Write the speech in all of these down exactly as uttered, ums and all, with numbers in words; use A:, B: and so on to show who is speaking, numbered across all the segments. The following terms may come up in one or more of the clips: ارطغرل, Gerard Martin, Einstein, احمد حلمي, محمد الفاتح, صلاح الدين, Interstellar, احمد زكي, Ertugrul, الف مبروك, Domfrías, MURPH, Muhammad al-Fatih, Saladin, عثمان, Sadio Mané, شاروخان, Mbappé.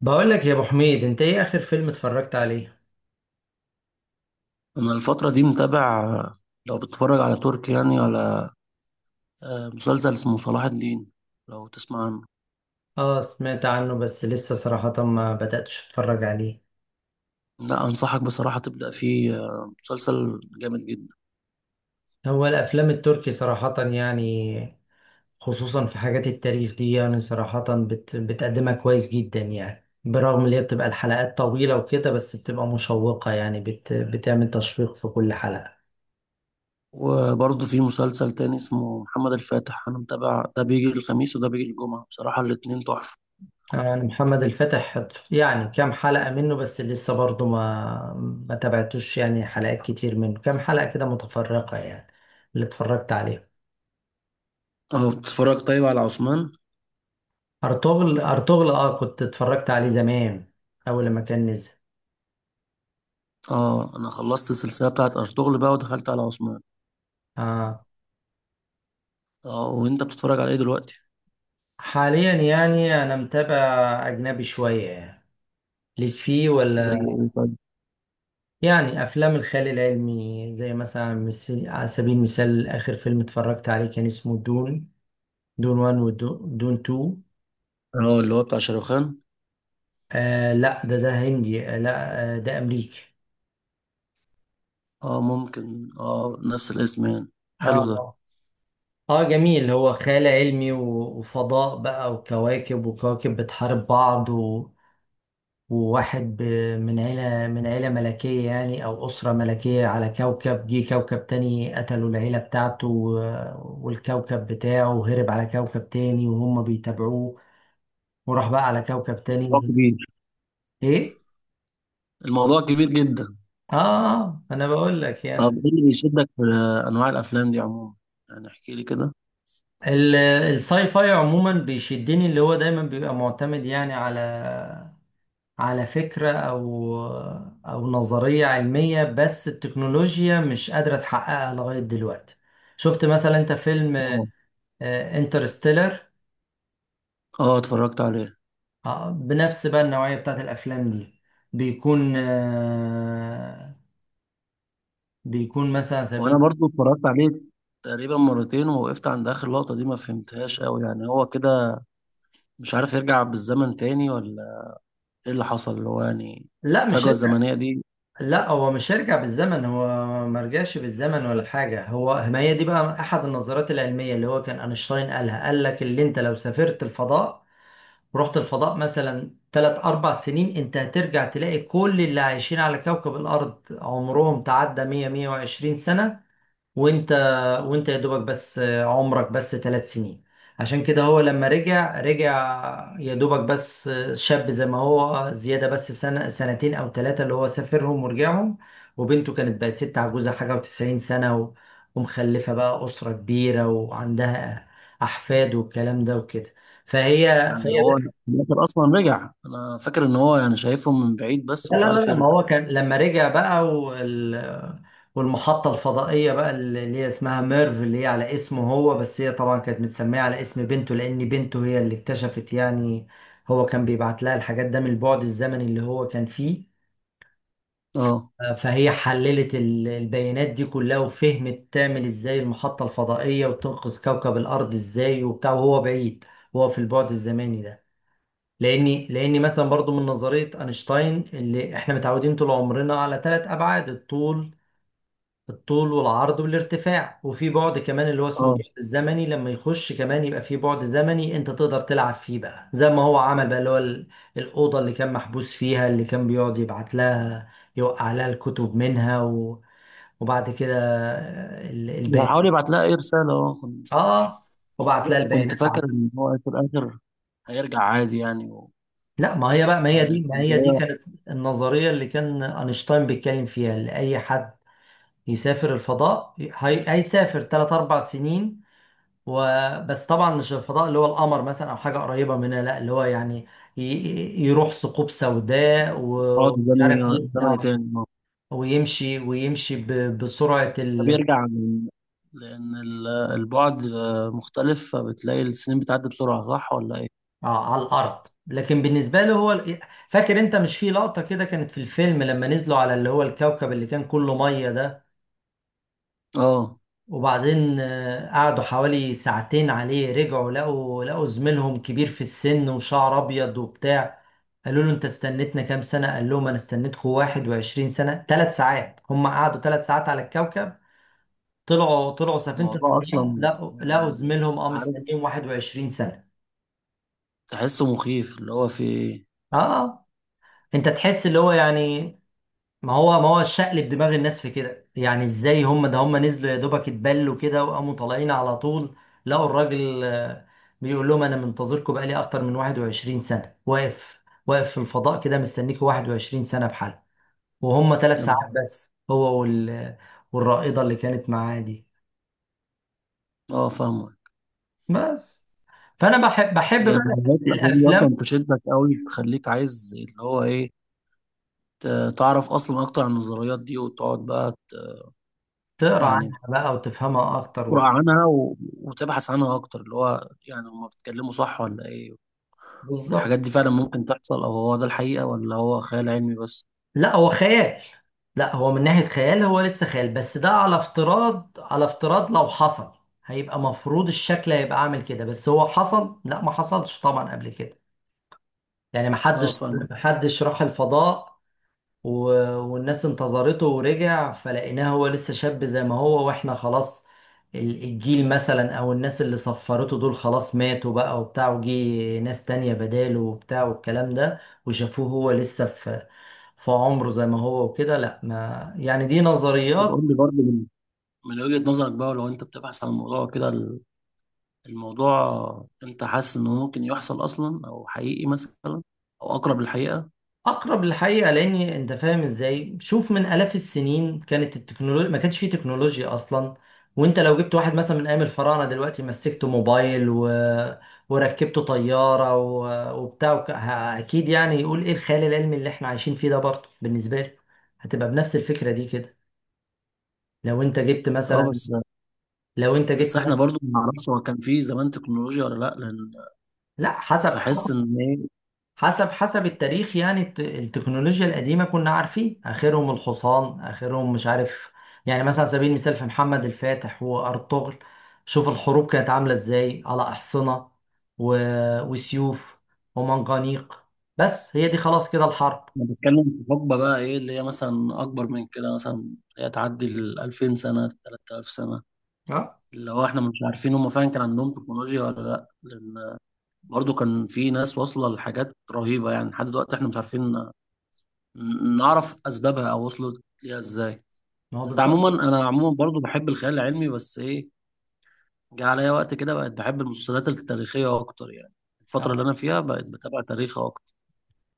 A: بقول لك يا ابو حميد، انت ايه اخر فيلم اتفرجت عليه؟
B: انا الفتره دي متابع. لو بتتفرج على تركي، يعني على، آه، مسلسل اسمه صلاح الدين، لو تسمع عنه.
A: اه، سمعت عنه بس لسه صراحة ما بدأتش اتفرج عليه.
B: لا، انصحك بصراحه تبدا فيه. آه، مسلسل جامد جدا.
A: هو الافلام التركي صراحة يعني، خصوصا في حاجات التاريخ دي، يعني صراحة بت بتقدمها كويس جدا يعني، برغم اللي هي بتبقى الحلقات طويلة وكده، بس بتبقى مشوقة يعني، بت بتعمل تشويق في كل حلقة.
B: وبرضه في مسلسل تاني اسمه محمد الفاتح، انا متابع. ده بيجي الخميس وده بيجي الجمعه. بصراحه الاتنين تحفه.
A: يعني محمد الفتح يعني كام حلقة منه، بس لسه برضه ما ما تابعتوش يعني، حلقات كتير منه، كام حلقة كده متفرقة يعني اللي اتفرجت عليه.
B: اه، بتتفرج طيب على عثمان؟
A: أرطغرل أرطغرل، اه كنت اتفرجت عليه زمان أول لما كان نزل.
B: اه، انا خلصت السلسله بتاعت ارطغرل بقى ودخلت على عثمان.
A: اه،
B: اه، وانت بتتفرج على ايه دلوقتي؟
A: حاليا يعني أنا متابع أجنبي شوية يعني. ليك فيه
B: زي
A: ولا؟
B: ايه طيب؟
A: يعني أفلام الخيال العلمي، زي مثلا مثل على سبيل المثال، آخر فيلم اتفرجت عليه كان اسمه دون دون وان، ودون دون تو.
B: اه، اللي هو بتاع شاروخان.
A: آه لا، ده ده هندي. آه لا، آه، ده أمريكي.
B: اه، ممكن، اه، نفس الاسم يعني.
A: اه،
B: حلو ده.
A: اه. آه، جميل. هو خيال علمي و- وفضاء بقى، وكواكب وكواكب بتحارب بعض و... وواحد ب... من عيلة من عيلة ملكية يعني، أو أسرة ملكية على كوكب. جه كوكب تاني قتلوا العيلة بتاعته و... والكوكب بتاعه، وهرب على كوكب تاني وهم بيتابعوه، وراح بقى على كوكب
B: موضوع
A: تاني.
B: كبير.
A: إيه؟
B: الموضوع كبير جدا.
A: آه آه، آه، أنا بقول لك
B: طب
A: يعني.
B: ايه اللي بيشدك في انواع الافلام دي عموما؟ يعني احكي لي كده.
A: ال- الساي فاي عموما بيشدني، اللي هو دايما بيبقى معتمد يعني على على فكرة، أو أو نظرية علمية، بس التكنولوجيا مش قادرة تحققها لغاية دلوقتي. شفت مثلا أنت فيلم
B: اه،
A: انترستيلر؟
B: اه، اتفرجت عليه.
A: بنفس بقى النوعية بتاعت الأفلام دي، بيكون آه، بيكون مثلا على
B: وانا
A: سبيل.
B: برضو اتفرجت عليه تقريبا مرتين، ووقفت عند اخر لقطة دي ما فهمتهاش قوي. يعني هو كده مش عارف يرجع بالزمن تاني ولا ايه اللي حصل؟ اللي هو يعني
A: لا مش.
B: الفجوة الزمنية دي.
A: لا هو مش هيرجع بالزمن، هو ما رجعش بالزمن ولا حاجة. هو ما هي دي بقى أحد النظريات العلمية اللي هو كان أينشتاين قالها، قال لك اللي أنت لو سافرت الفضاء ورحت الفضاء مثلا تلات أربع سنين، أنت هترجع تلاقي كل اللي عايشين على كوكب الأرض عمرهم تعدى مية مية وعشرين سنة. وانت وانت يا دوبك بس عمرك بس ثلاث سنين. عشان كده هو لما رجع، رجع يا دوبك بس شاب زي ما هو، زيادة بس سنة سنتين أو ثلاثة اللي هو سافرهم ورجعهم. وبنته كانت بقت ست عجوزة حاجة وتسعين سنة، و- ومخلفة بقى أسرة كبيرة، وعندها أحفاد والكلام ده وكده. فهي
B: يعني
A: فهي.
B: هو في الاخر اصلا رجع؟ انا فاكر ان هو يعني شايفهم من بعيد بس
A: لا
B: ومش
A: لا
B: عارف
A: لا. ما
B: يرجع.
A: هو كان لما رجع بقى وال... والمحطة الفضائية بقى اللي هي اسمها ميرف، اللي هي على اسمه هو، بس هي طبعا كانت متسمية على اسم بنته، لأن بنته هي اللي اكتشفت يعني. هو كان بيبعت لها الحاجات ده من البعد الزمني اللي هو كان فيه.
B: اه،
A: فهي حللت ال- البيانات دي كلها، وفهمت تعمل ازاي المحطة الفضائية، وتنقذ كوكب الأرض ازاي وبتاع، وهو بعيد، وهو في البعد الزمني ده. لاني لاني مثلا برضو من نظريه اينشتاين، اللي احنا متعودين طول عمرنا على ثلاث ابعاد، الطول الطول والعرض والارتفاع، وفي بعد كمان اللي هو اسمه
B: اه،
A: بعد الزمني. لما يخش كمان يبقى في بعد زمني انت تقدر تلعب فيه بقى، زي ما هو عمل بقى اللي هو ال- الاوضه اللي كان محبوس فيها، اللي كان بيقعد يبعت لها، يوقع لها الكتب منها و... وبعد كده
B: بيحاول
A: البيانات.
B: يبعت لها اي رسالة، اه كنت.
A: اه، وبعت لها
B: بس كنت
A: البيانات.
B: فاكر ان هو في الاخر هيرجع عادي يعني.
A: لا، ما هي بقى، ما هي
B: يعني
A: دي ما هي دي
B: النظرية،
A: كانت النظرية اللي كان أينشتاين بيتكلم فيها، اللي أي حد يسافر الفضاء هي- هيسافر تلات أربع سنين وبس. طبعا مش الفضاء اللي هو القمر مثلا أو حاجة قريبة منها، لا، اللي هو يعني ي- ي- يروح ثقوب سوداء،
B: البعد
A: ومش
B: زمني،
A: عارف ي- آه،
B: زمني تاني، اه.
A: ويمشي ويمشي ب- بسرعة
B: ده
A: ال...
B: بيرجع من، لأن ال- البعد آه، مختلف، فبتلاقي السنين بتعدي بسرعة، صح ولا إيه؟
A: آه، على الأرض. لكن بالنسبة له هو ال- فاكر أنت مش في لقطة كده كانت في الفيلم لما نزلوا على اللي هو الكوكب اللي كان كله مية ده؟
B: اه،
A: وبعدين آه، قعدوا حوالي ساعتين عليه، رجعوا لقوا لقوا زميلهم كبير في السن وشعر ابيض وبتاع. قالوا له انت استنيتنا كام سنة؟ قال لهم انا استنيتكم واحد وعشرين سنة. ثلاث ساعات! هم قعدوا ثلاث ساعات على الكوكب، طلعوا طلعوا سفينة
B: الموضوع
A: الفضاء،
B: أصلا
A: لقوا لقوا
B: يعني،
A: زميلهم، اه،
B: عارف،
A: مستنيهم واحد وعشرين سنة.
B: تحسه مخيف اللي هو في إيه؟
A: اه. آه. انت تحس اللي هو يعني، ما هو ما هو شقلب دماغ الناس في كده يعني، ازاي هم ده؟ هم نزلوا يا دوبك اتبلوا كده وقاموا طالعين على طول، لقوا الراجل آه، بيقول لهم انا منتظركم بقالي اكتر من واحد وعشرين سنة، واقف واقف في الفضاء كده، مستنيكوا واحد وعشرين سنة بحال، وهم ثلاث
B: يا نهار
A: ساعات
B: أبيض.
A: بس. هو وال والرائدة اللي كانت معاه دي،
B: اه، فاهمة.
A: بس. فانا بحب بحب
B: يعني
A: بقى
B: نهاية الأفلام دي
A: الافلام،
B: أصلا تشدك أوي، تخليك عايز اللي هو إيه؟ ت- تعرف أصلا أكتر عن النظريات دي وتقعد بقى ت-
A: تقرا
B: يعني
A: عنها بقى وتفهمها اكتر
B: تقرأ
A: وكده.
B: عنها، و- وتبحث عنها أكتر، اللي هو يعني هما بيتكلموا صح ولا إيه؟ الحاجات
A: بالظبط.
B: دي فعلا ممكن تحصل، او هو ده الحقيقة، ولا هو خيال علمي بس؟
A: لا هو خيال. لا هو من ناحية خيال هو لسه خيال، بس ده على افتراض، على افتراض لو حصل هيبقى مفروض الشكل هيبقى عامل كده. بس هو حصل؟ لا ما حصلش طبعا قبل كده. يعني ما
B: اه،
A: حدش
B: فاهمك.
A: ما حدش راح الفضاء و... والناس انتظرته ورجع فلقيناه هو لسه شاب زي ما هو، واحنا خلاص ال- الجيل مثلا او الناس اللي صفرته دول خلاص ماتوا بقى وبتاع، وجي ناس تانية بداله وبتاع والكلام ده، وشافوه هو لسه في في عمره زي ما هو وكده. لا، ما يعني دي
B: طب
A: نظريات.
B: قول لي برضه، من من وجهة نظرك بقى، لو انت بتبحث عن الموضوع كده، ال- الموضوع، انت حاسس انه ممكن يحصل اصلا، او حقيقي مثلا، او اقرب للحقيقة؟
A: اقرب للحقيقه. لان انت فاهم ازاي، شوف، من الاف السنين كانت التكنولوجيا، ما كانش فيه تكنولوجيا اصلا. وانت لو جبت واحد مثلا من ايام الفراعنه دلوقتي مسكته موبايل و... وركبته طياره و... وبتاع وك... ه- اكيد يعني يقول ايه الخيال العلمي اللي احنا عايشين فيه ده. برضه بالنسبه لي هتبقى بنفس الفكره دي كده. لو انت جبت
B: اه
A: مثلا
B: بس.
A: لو انت
B: بس
A: جبت
B: احنا
A: مثلا،
B: برضه ما نعرفش هو كان في زمان تكنولوجيا ولا لا، لان
A: لا، حسب
B: بحس ان ايه،
A: حسب حسب التاريخ يعني الت- التكنولوجيا القديمة كنا عارفين آخرهم الحصان، آخرهم مش عارف يعني. مثلا على سبيل المثال في محمد الفاتح وأرطغرل شوف الحروب كانت عاملة إزاي، على أحصنة و... وسيوف ومنجنيق. بس هي دي خلاص كده الحرب.
B: احنا بنتكلم في حقبة بقى ايه اللي هي مثلا اكبر من كده، مثلا اللي هي تعدي ال الألفين سنة ثلاثة آلاف سنة،
A: اه،
B: اللي هو احنا مش عارفين هم فعلا كان عندهم تكنولوجيا ولا لا، لان برضو كان في ناس واصلة لحاجات رهيبة، يعني لحد دلوقتي احنا مش عارفين ن- نعرف اسبابها او وصلت ليها ازاي.
A: ما هو
B: انت عموما،
A: بالظبط.
B: انا عموما برضو بحب الخيال العلمي، بس ايه، جه عليا وقت كده بقت بحب المسلسلات التاريخية اكتر يعني. الفترة
A: آه.
B: اللي انا فيها بقت بتابع تاريخ اكتر.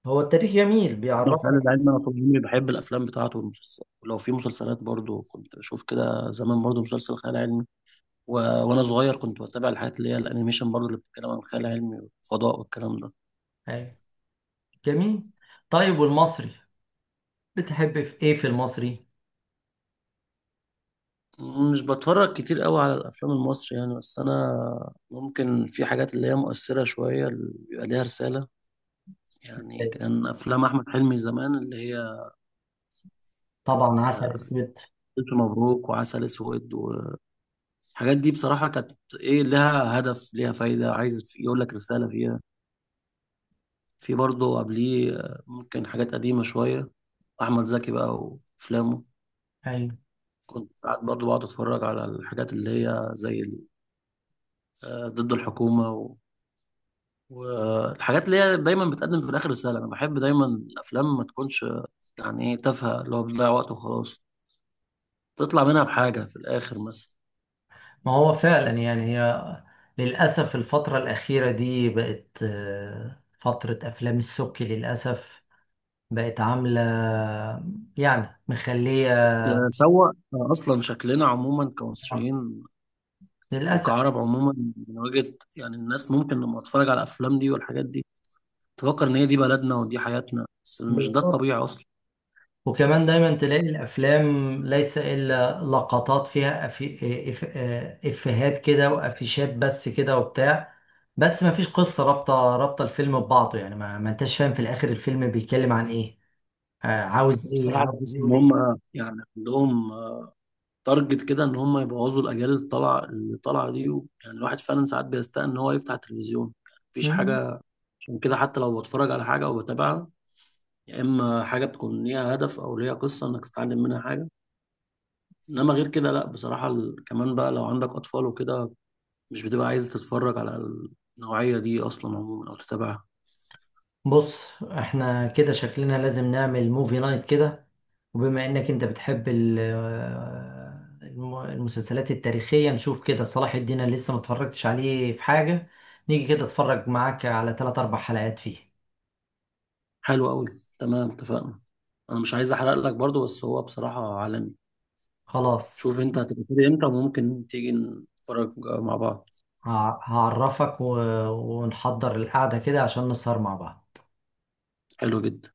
A: هو التاريخ جميل
B: انا الخيال
A: بيعرفك.
B: العلمي، انا طول عمري بحب الافلام بتاعته والمسلسلات، ولو في مسلسلات برضو كنت بشوف كده زمان برضو مسلسل خيال علمي. و... وانا صغير كنت بتابع الحاجات اللي هي الانيميشن، برضو اللي بتتكلم عن الخيال العلمي والفضاء والكلام ده.
A: أيوة. جميل. طيب، والمصري بتحب في إيه في المصري؟
B: مش بتفرج كتير قوي على الافلام المصري يعني. بس انا ممكن في حاجات اللي هي مؤثره شويه، اللي بيبقى ليها رساله. يعني كان افلام احمد حلمي زمان اللي هي،
A: طبعا عسل
B: آه،
A: أسود.
B: الف مبروك وعسل اسود، والحاجات دي بصراحه كانت ايه، لها هدف، ليها فايده، عايز يقول لك رساله فيها. في برضه قبليه، آه، ممكن حاجات قديمه شويه، احمد زكي بقى وافلامه.
A: أيوة.
B: كنت ساعات برضه بقعد اتفرج على الحاجات اللي هي زي ال- آه، ضد الحكومه، والحاجات اللي هي دايما بتقدم في الاخر رساله. انا بحب دايما الافلام ما تكونش يعني ايه، تافهه اللي هو بتضيع وقت وخلاص. تطلع منها بحاجه في الاخر مثلا.
A: ما هو فعلا يعني هي للأسف الفترة الأخيرة دي بقت آه، فترة أفلام السبكي للأسف. بقت عاملة يعني مخلية
B: تسوق اصلا شكلنا عموما كمصريين،
A: للأسف.
B: وكعرب عموما. من وجهه يعني، الناس ممكن لما تتفرج على الافلام دي والحاجات دي تفكر ان هي دي بلدنا ودي حياتنا، بس مش ده
A: بالظبط.
B: الطبيعي اصلا.
A: وكمان دايما تلاقي الأفلام ليس إلا لقطات فيها أفي... آه، إف... آه، إفيهات كده وأفيشات بس كده وبتاع. بس ما فيش قصة رابطة، رابطة الفيلم ببعضه يعني، ما, ما أنتش فاهم في الآخر الفيلم بيتكلم عن إيه، آه، عاوز إيه،
B: بصراحه
A: عاوز
B: بحس
A: إيه
B: ان
A: وليه.
B: هم يعني عندهم تارجت كده، ان هم يبوظوا الاجيال اللي طالعه اللي طالعه دي. يعني الواحد فعلا ساعات بيستاء ان هو يفتح التلفزيون مفيش حاجه. عشان كده حتى لو بتفرج على حاجة أو بتابعها، يا إما حاجة بتكون ليها هدف أو ليها قصة إنك تتعلم منها حاجة. إنما غير كده لأ، بصراحة، ال- كمان بقى لو عندك أطفال وكده مش بتبقى عايز تتفرج على النوعية دي أصلا عموما أو تتابعها.
A: بص احنا كده شكلنا لازم نعمل موفي نايت كده. وبما انك انت بتحب ال- آه، الم- المسلسلات التاريخية نشوف كده صلاح الدين، أنا لسه متفرجتش عليه في حاجة. نيجي كده اتفرج معاك على تلات أربع حلقات فيه.
B: حلو أوي، تمام اتفقنا. أنا مش عايز أحرق لك برضو، بس هو بصراحة عالمي.
A: خلاص.
B: شوف أنت هتبقى فاضي إمتى وممكن تيجي نتفرج مع بعض.
A: ه- هعرفك و- ونحضر القعدة كده عشان نسهر مع بعض.
B: حلو جدا.